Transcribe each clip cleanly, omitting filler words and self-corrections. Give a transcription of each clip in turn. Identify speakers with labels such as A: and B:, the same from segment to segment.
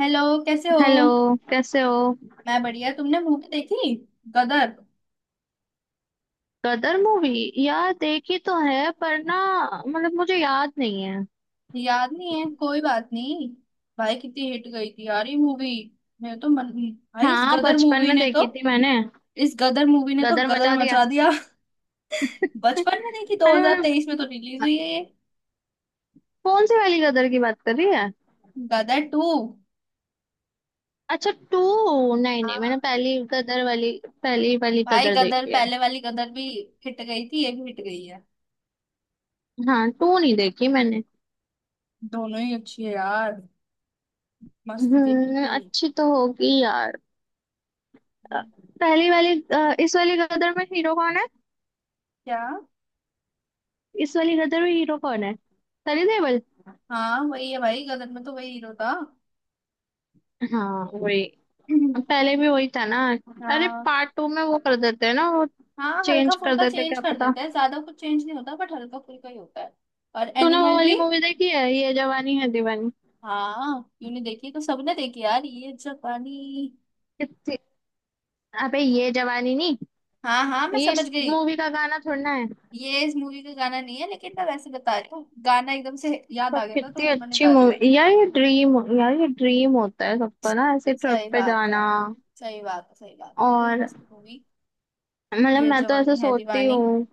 A: Hello. कैसे हो।
B: Hello. कैसे हो?
A: मैं बढ़िया। तुमने मूवी देखी? गदर।
B: गदर मूवी? यार देखी तो है पर ना, मतलब मुझे याद नहीं है।
A: याद नहीं है? कोई बात नहीं। भाई कितनी हिट गई थी यार ये मूवी। मैं तो मन, भाई इस
B: हाँ
A: गदर
B: बचपन
A: मूवी
B: में
A: ने तो
B: देखी थी मैंने।
A: इस गदर मूवी ने तो
B: गदर
A: गदर
B: मचा दिया।
A: मचा दिया। बचपन में देखी?
B: अरे मैंने,
A: 2023 में तो रिलीज हुई है ये,
B: कौन सी वाली गदर की बात कर रही है?
A: गदर टू।
B: अच्छा टू? नहीं नहीं, मैंने
A: हाँ
B: पहली गदर वाली, पहली वाली
A: भाई,
B: गदर
A: गदर
B: देखी है।
A: पहले वाली गदर भी हिट गई थी, ये भी हिट गई है।
B: हाँ टू नहीं देखी मैंने।
A: दोनों ही अच्छी है यार, मस्त थी
B: हम्म,
A: बिल्कुल।
B: अच्छी तो होगी यार। अ, पहली वाली इस वाली गदर में हीरो कौन है?
A: क्या?
B: इस वाली गदर में हीरो कौन है? सनी देओल।
A: हाँ वही है भाई, गदर में तो वही हीरो था।
B: हाँ वही। पहले भी वही था ना? अरे
A: हाँ।
B: पार्ट टू में वो कर देते हैं ना वो,
A: हाँ हल्का
B: चेंज कर
A: फुल्का
B: देते हैं,
A: चेंज
B: क्या
A: कर
B: पता।
A: देते हैं, ज्यादा कुछ चेंज नहीं होता, बट हल्का फुल्का ही होता है। और
B: तूने वो
A: एनिमल
B: वाली
A: भी।
B: मूवी देखी है, ये जवानी है दीवानी?
A: हाँ यूने देखी तो सबने देखी यार, ये जापानी।
B: कितनी, अबे ये जवानी नहीं,
A: हाँ हाँ, मैं
B: ये इस
A: समझ गई।
B: मूवी का गाना थोड़ा है।
A: ये इस मूवी का गाना नहीं है, लेकिन मैं वैसे बता रही हूँ, गाना एकदम से याद
B: पर
A: आ गया था तो
B: कितनी
A: वो मैंने
B: अच्छी
A: गा दिया।
B: मूवी यार, ये ड्रीम यार, ये ड्रीम होता है सबका ना, ऐसे ट्रिप
A: सही
B: पे
A: बात है।
B: जाना।
A: सही बात है, सही बात है, इतनी
B: और,
A: मस्त मूवी,
B: मतलब
A: ये
B: मैं तो ऐसे
A: जवानी है
B: सोचती
A: दीवानी।
B: हूँ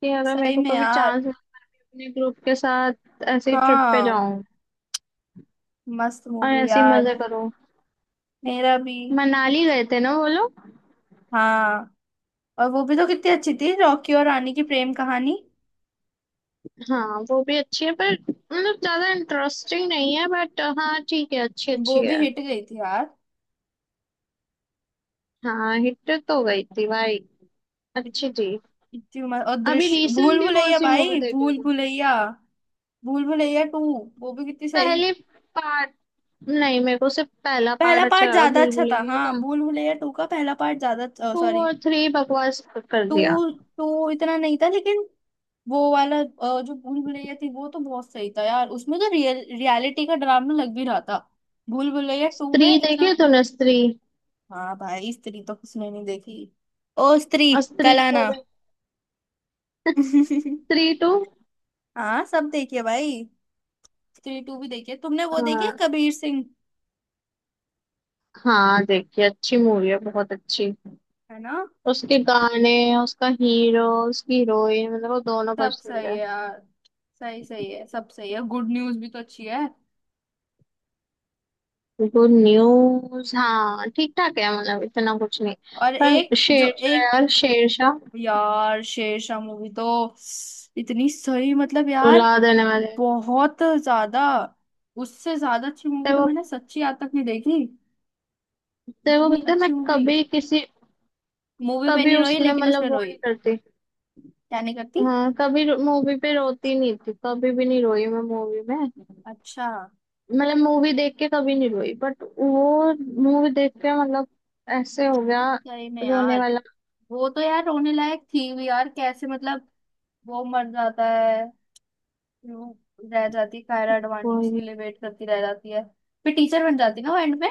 B: कि अगर मेरे
A: सही
B: को
A: में
B: कभी
A: यार।
B: चांस मिले, अपने ग्रुप के साथ ऐसे ट्रिप पे
A: हाँ
B: जाऊं
A: मस्त
B: और
A: मूवी
B: ऐसे ही
A: यार।
B: मजे करूं।
A: मेरा भी।
B: मनाली गए थे ना वो लोग।
A: हाँ और वो भी तो कितनी अच्छी थी, रॉकी और रानी की प्रेम कहानी।
B: हाँ वो भी अच्छी है, पर मतलब ज्यादा इंटरेस्टिंग नहीं है, बट हाँ ठीक है, अच्छी
A: वो
B: अच्छी
A: भी
B: है।
A: हिट गई थी यार।
B: हाँ हिट तो गई थी भाई,
A: इत-
B: अच्छी थी।
A: इतनी उम्र और
B: अभी
A: दृश्य, भूल
B: रिसेंटली कौन
A: भुलैया
B: सी मूवी
A: भाई,
B: देखे
A: भूल
B: थे?
A: भुलैया। भूल भुलैया टू, वो भी कितनी सही।
B: पहले पार्ट, नहीं मेरे को सिर्फ पहला
A: पहला
B: पार्ट अच्छा
A: पार्ट
B: लगा
A: ज्यादा
B: भूल
A: अच्छा था,
B: भुलैया
A: हाँ
B: का।
A: भूल भुलैया टू का पहला पार्ट ज्यादा,
B: टू
A: सॉरी
B: और थ्री बकवास कर
A: टू।
B: दिया।
A: टू इतना नहीं था लेकिन। वो वाला जो भूल भुलैया थी वो तो बहुत सही था यार, उसमें तो रियल रियलिटी का ड्रामा लग भी रहा था। भूल भुलैया टू
B: स्त्री
A: में
B: देखी
A: इतना।
B: है तूने? स्त्री
A: हाँ भाई, स्त्री तो किसने नहीं देखी। ओ स्त्री
B: और स्त्री
A: कल
B: टू
A: आना।
B: भी? स्त्री टू।
A: हाँ सब देखिए भाई, थ्री टू भी देखिए। तुमने वो देखी है,
B: हाँ
A: कबीर सिंह?
B: हाँ देखिए, अच्छी मूवी है बहुत अच्छी।
A: है ना।
B: उसके गाने, उसका हीरो, उसकी हीरोइन, मतलब वो दोनों
A: सब
B: पसंद
A: सही
B: है।
A: है यार। सही सही है, सब सही है, गुड न्यूज भी तो अच्छी है।
B: गुड न्यूज हाँ ठीक ठाक है, मतलब इतना कुछ नहीं।
A: और
B: पर
A: एक, जो
B: शेरशाह
A: एक,
B: यार, शेरशाह
A: यार शेरशाह मूवी तो इतनी सही, मतलब यार,
B: रुला देने वाले हैं।
A: बहुत ज्यादा। उससे ज्यादा अच्छी मूवी
B: तेरे
A: तो
B: वो,
A: मैंने सच्ची आज तक नहीं देखी,
B: तेरे को
A: इतनी
B: पता है मैं
A: अच्छी मूवी।
B: कभी किसी,
A: मूवी पे
B: कभी
A: नहीं रोई
B: उसमें
A: लेकिन उसमें
B: मतलब वो नहीं
A: रोई।
B: करती।
A: क्या नहीं करती?
B: हाँ कभी मूवी पे रोती नहीं थी, कभी भी नहीं रोई मैं मूवी में,
A: अच्छा।
B: मतलब मूवी देख के कभी नहीं रोई, बट वो मूवी देख के मतलब ऐसे हो गया,
A: सही में
B: रोने
A: यार,
B: वाला।
A: वो तो यार रोने लायक थी भी यार, कैसे, मतलब वो मर जाता है, फिर वो, रह जाती है कायरा अडवाणी,
B: कोई
A: उसके
B: नहीं।
A: लिए वेट करती रह जाती है। फिर टीचर बन जाती है ना वो एंड में।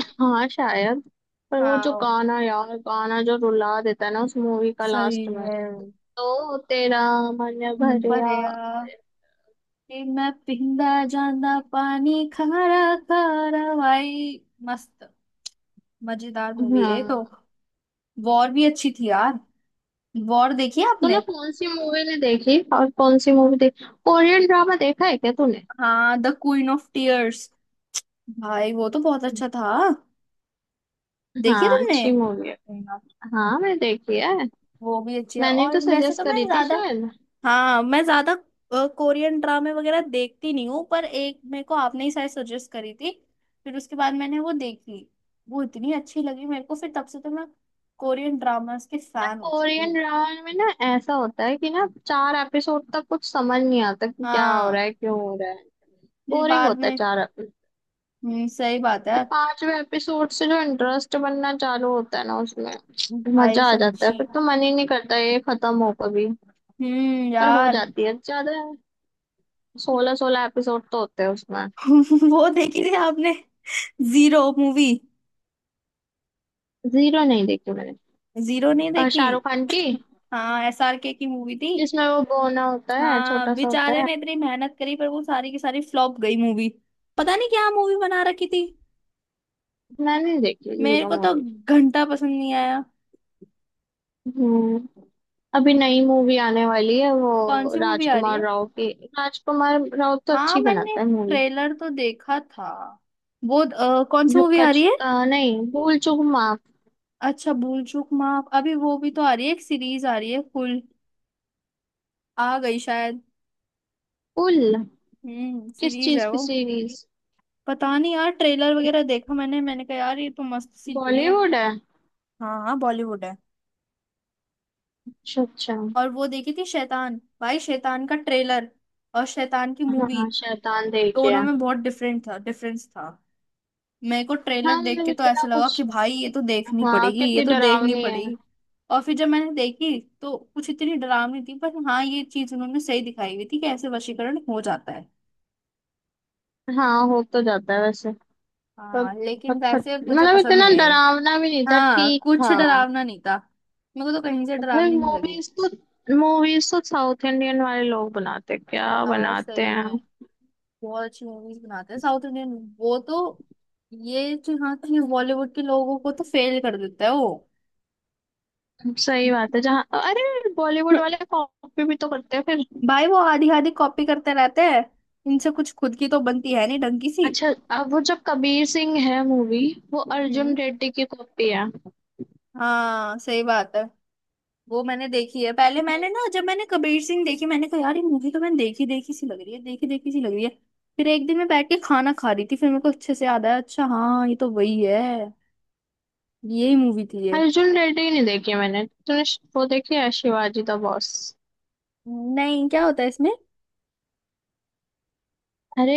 B: हाँ शायद। पर वो जो
A: हाँ,
B: गाना यार, गाना जो रुला देता है ना उस मूवी का
A: सही
B: लास्ट में,
A: में।
B: तो तेरा मन
A: मन पर
B: भरिया।
A: यार, कि मैं पींदा जांदा पानी खारा, खारा भाई, मस्त, मजेदार मूवी है ये तो।
B: हाँ।
A: वॉर भी अच्छी थी यार, वॉर देखी है आपने?
B: तूने कौन सी मूवी नहीं देखी और कौन सी मूवी देखी? कोरियन ड्रामा देखा है क्या तूने?
A: हाँ द क्वीन ऑफ टीयर्स, भाई वो तो बहुत अच्छा था। देखी
B: हाँ
A: तुमने?
B: अच्छी मूवी है प्रेमा। हाँ मैंने देखी है।
A: वो भी अच्छी है।
B: मैंने
A: और
B: तो
A: वैसे
B: सजेस्ट
A: तो मैं
B: करी थी
A: ज्यादा,
B: शायद।
A: हाँ मैं ज्यादा कोरियन ड्रामे वगैरह देखती नहीं हूँ, पर एक मेरे को आपने ही शायद सजेस्ट करी थी, फिर उसके बाद मैंने वो देखी, वो इतनी अच्छी लगी मेरे को, फिर तब से तो मैं कोरियन ड्रामास के
B: यार
A: फैन हो चुकी
B: कोरियन
A: हूँ।
B: ड्रामा में ना, ऐसा होता है कि ना चार एपिसोड तक कुछ समझ नहीं आता कि क्या हो रहा
A: हाँ।
B: है, क्यों हो रहा है।
A: फिर
B: बोरिंग
A: बाद
B: होता है
A: में।
B: चार एपिसोड।
A: सही बात है।
B: फिर पांचवे एपिसोड से जो इंटरेस्ट बनना चालू होता है ना उसमें
A: भाई
B: मजा आ जाता है,
A: सच्ची।
B: फिर तो मन ही नहीं करता ये खत्म हो कभी। पर हो
A: यार।
B: जाती है ज्यादा, 16 16 एपिसोड तो होते हैं उसमें।
A: वो देखी थी आपने, जीरो मूवी?
B: जीरो नहीं देखी मैंने।
A: जीरो नहीं
B: और
A: देखी?
B: शाहरुख खान की,
A: हाँ एसआरके की मूवी थी।
B: जिसमें वो गोना होता है,
A: हाँ
B: छोटा सा होता
A: बेचारे
B: है।
A: ने इतनी मेहनत करी पर वो सारी की सारी फ्लॉप गई मूवी, पता नहीं क्या मूवी बना रखी थी।
B: मैंने नहीं देखी
A: मेरे
B: जीरो
A: को तो
B: मूवी।
A: घंटा पसंद नहीं आया।
B: हम्म। अभी नई मूवी आने वाली है वो
A: कौन सी मूवी आ रही
B: राजकुमार
A: है?
B: राव की। राजकुमार राव तो
A: हाँ
B: अच्छी
A: मैंने
B: बनाता है मूवी।
A: ट्रेलर तो देखा था। वो कौन सी
B: जो
A: मूवी आ रही
B: कच
A: है?
B: नहीं, भूल चूक माफ।
A: अच्छा भूल चूक माफ, अभी वो भी तो आ रही है। एक सीरीज आ रही है, फुल आ गई शायद।
B: भूल। किस
A: सीरीज
B: चीज
A: है
B: की
A: वो।
B: सीरीज?
A: पता नहीं यार, ट्रेलर वगैरह देखा मैंने, मैंने कहा यार ये तो मस्त सी लग रही है।
B: बॉलीवुड है?
A: हाँ हाँ बॉलीवुड है।
B: अच्छा अच्छा।
A: और वो देखी थी शैतान, भाई शैतान का ट्रेलर और शैतान की मूवी
B: हाँ शैतान देखिए।
A: दोनों में बहुत डिफरेंट था, डिफरेंस था। मेरे को ट्रेलर
B: हाँ
A: देख
B: मतलब
A: के तो
B: इतना
A: ऐसा लगा
B: कुछ।
A: कि भाई ये तो देखनी
B: हाँ
A: पड़ेगी, ये
B: कितनी
A: तो देखनी
B: डरावनी है।
A: पड़ेगी। और फिर जब मैंने देखी तो कुछ इतनी डरावनी थी, पर हाँ ये चीज उन्होंने सही दिखाई हुई थी, कि ऐसे वशीकरण हो जाता है।
B: हाँ हो तो जाता है वैसे। पर,
A: हाँ लेकिन वैसे मुझे
B: मतलब
A: पसंद
B: इतना
A: नहीं आई।
B: डरावना भी नहीं था,
A: हाँ
B: ठीक
A: कुछ
B: था।
A: डरावना नहीं था, मेरे को तो कहीं से
B: और फिर
A: डरावनी नहीं लगी।
B: मूवीज तो, मूवीज तो साउथ इंडियन वाले लोग बनाते, क्या
A: यार
B: बनाते
A: सही
B: हैं।
A: में, बहुत अच्छी मूवीज बनाते हैं साउथ इंडियन। वो तो, ये जो, हाँ कि बॉलीवुड के लोगों को तो फेल कर देता है वो।
B: सही बात है, जहाँ अरे बॉलीवुड वाले कॉपी भी तो करते हैं फिर।
A: भाई वो आधी आधी कॉपी करते रहते हैं, इनसे कुछ खुद की तो बनती है नहीं ढंग की सी।
B: अच्छा। अब वो जो कबीर सिंह है मूवी, वो अर्जुन
A: हम्म
B: रेड्डी की कॉपी है।
A: हाँ सही बात है। वो मैंने देखी है, पहले मैंने ना जब मैंने कबीर सिंह देखी, मैंने कहा यार ये मूवी तो मैंने देखी देखी सी लग रही है, देखी देखी सी लग रही है। फिर एक दिन मैं बैठ के खाना खा रही थी, फिर मेरे को अच्छे से याद आया, अच्छा हाँ ये तो वही है, यही मूवी थी ये।
B: अर्जुन रेड्डी नहीं देखी मैंने। तूने वो देखी है शिवाजी द बॉस?
A: नहीं क्या होता है इसमें?
B: अरे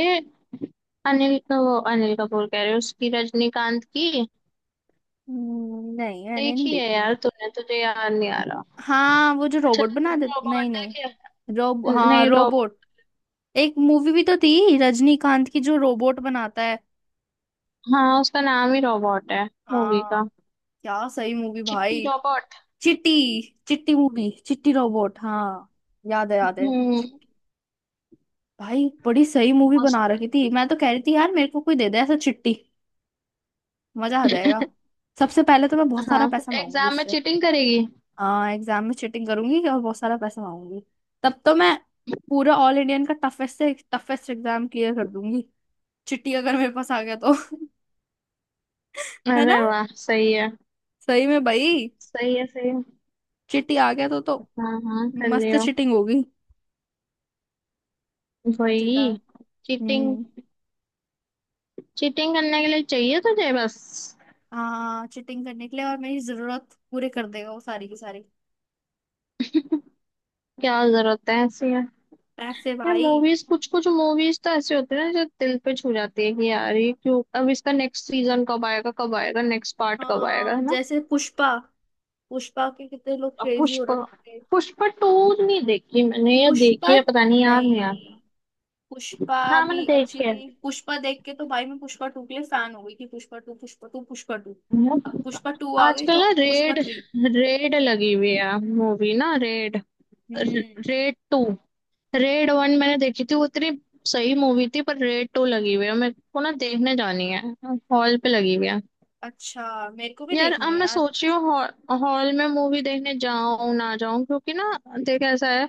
B: अनिल का वो, अनिल कपूर कह रहे हो? उसकी रजनीकांत की।
A: नहीं मैंने नहीं
B: देखी है
A: देखी।
B: यार तूने, तुझे याद नहीं आ रहा।
A: हाँ वो जो
B: अच्छा,
A: रोबोट बना दे,
B: रोबोट
A: नहीं
B: देखे।
A: नहीं रोब,
B: न-
A: हाँ
B: नहीं रोब,
A: रोबोट। एक मूवी भी तो थी रजनीकांत की, जो रोबोट बनाता है।
B: हाँ उसका नाम ही रोबोट है मूवी
A: हाँ।
B: का।
A: क्या सही मूवी
B: चिट्टी
A: भाई।
B: रोबोट।
A: चिट्टी, चिट्टी मूवी, चिट्टी रोबोट हाँ, याद है याद है।
B: हम्म,
A: भाई बड़ी सही मूवी
B: मस्त।
A: बना रखी थी, मैं तो कह रही थी यार मेरे को कोई दे दे ऐसा चिट्टी, मजा आ जाएगा। सबसे पहले तो मैं बहुत सारा
B: हाँ
A: पैसा मांगूंगी
B: एग्जाम में
A: उससे।
B: चीटिंग करेगी।
A: हाँ एग्जाम में चीटिंग करूंगी और बहुत सारा पैसा मांगूंगी। तब तो मैं पूरा ऑल इंडियन का टफेस्ट से टफेस्ट एग्जाम क्लियर कर दूंगी, चिट्टी अगर मेरे पास आ गया तो। है ना।
B: अरे वाह सही है।
A: सही में भाई,
B: सही है, सही है।
A: चिट्टी आ गया तो
B: हाँ हाँ कर रही
A: मस्त
B: हो।
A: चिटिंग होगी, मजेदार।
B: वही, चीटिंग।
A: हम्म
B: चीटिंग करने के लिए चाहिए तुझे बस?
A: हाँ चिटिंग करने के लिए, और मेरी जरूरत पूरे कर देगा वो सारी की सारी।
B: क्या जरूरत है ऐसी?
A: पैसे
B: यार
A: भाई।
B: मूवीज, कुछ कुछ मूवीज तो ऐसे होते हैं ना जो दिल पे छू जाती है कि यार ये क्यों, अब इसका नेक्स्ट सीजन कब आएगा, कब आएगा नेक्स्ट पार्ट कब आएगा,
A: हाँ
B: है ना।
A: जैसे पुष्पा, पुष्पा के कितने लोग
B: अब
A: क्रेजी हो
B: पुष्पा,
A: रखे थे।
B: पुष्पा टू नहीं देखी मैंने या
A: पुष्पा,
B: देखी है, पता नहीं, याद नहीं यार।
A: नहीं पुष्पा
B: हाँ मैंने
A: भी अच्छी
B: देखी है।
A: थी, पुष्पा देख के तो भाई मैं पुष्पा टू के लिए फैन हो गई थी, Pushpa two, Pushpa two, Pushpa two. अब
B: यार,
A: पुष्पा टू आ गई
B: आजकल
A: तो
B: ना
A: पुष्पा
B: रेड,
A: थ्री।
B: रेड लगी हुई है मूवी ना, रेड,
A: हम्म।
B: Raid two. रेड वन मैंने देखी थी, वो इतनी सही मूवी थी, पर रेड टू लगी हुई है, मेरे को ना देखने जानी है। हॉल पे लगी हुई है।
A: अच्छा, मेरे को भी
B: यार
A: देखनी
B: अब
A: है
B: मैं
A: यार।
B: सोच रही हूँ हॉल में मूवी देखने जाऊं ना जाऊं, क्योंकि ना, देख ऐसा है,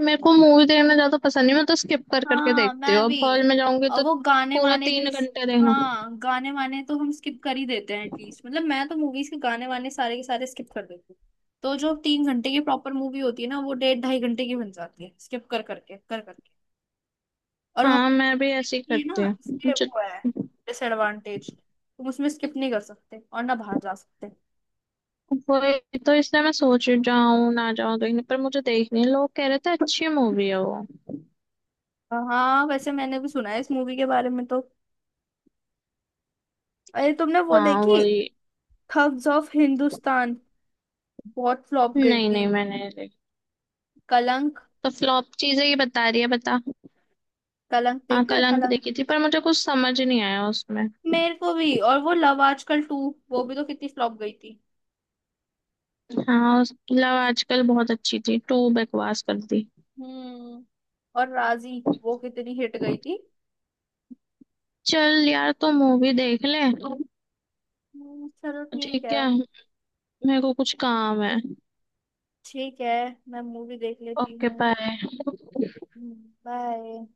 B: मेरे को मूवी देखना ज्यादा पसंद नहीं, मैं तो स्किप कर करके
A: हाँ
B: देखती हूँ,
A: मैं भी,
B: अब हॉल में जाऊंगी
A: और
B: तो
A: वो गाने
B: पूरा
A: वाने भी।
B: 3 घंटे देखना।
A: हाँ गाने वाने तो हम स्किप कर ही देते हैं एटलीस्ट, मतलब मैं तो मूवीज के गाने वाने सारे के सारे स्किप कर देती हूँ। तो जो 3 घंटे की प्रॉपर मूवी होती है ना, वो डेढ़ ढाई घंटे की बन जाती है स्किप कर करके, कर करके। और
B: हाँ मैं भी
A: हमारे,
B: ऐसे ही
A: ये ना
B: करती हूँ।
A: उसके
B: मुझे-
A: वो है, डिसएडवांटेज, तुम उसमें स्किप नहीं कर सकते और ना बाहर जा सकते।
B: वही तो, इसलिए मैं सोच रही हूँ जाऊं ना जाऊं देखने, पर मुझे देखनी है, लोग कह रहे थे अच्छी मूवी है वो।
A: हाँ वैसे मैंने भी सुना है इस मूवी के बारे में तो। अरे तुमने वो
B: हाँ
A: देखी,
B: वही।
A: Thugs of Hindustan? बहुत फ्लॉप गई
B: नहीं
A: थी।
B: नहीं मैंने नहीं देखी।
A: कलंक,
B: तो फ्लॉप चीजें ही बता रही है, बता।
A: कलंक
B: हाँ
A: देखी है
B: कल अंक
A: कलंक?
B: देखी थी, पर मुझे कुछ समझ नहीं आया उसमें।
A: मेरे को भी। और वो लव आजकल टू, वो भी तो कितनी फ्लॉप गई थी।
B: हाँ लव आजकल बहुत अच्छी थी, टू बकवास कर दी।
A: हम्म और राजी, वो कितनी हिट गई थी।
B: चल यार तो मूवी देख ले।
A: चलो ठीक
B: ठीक
A: है।
B: है। मेरे को कुछ काम है।
A: ठीक है, मैं मूवी देख लेती
B: ओके
A: हूँ।
B: बाय।
A: बाय।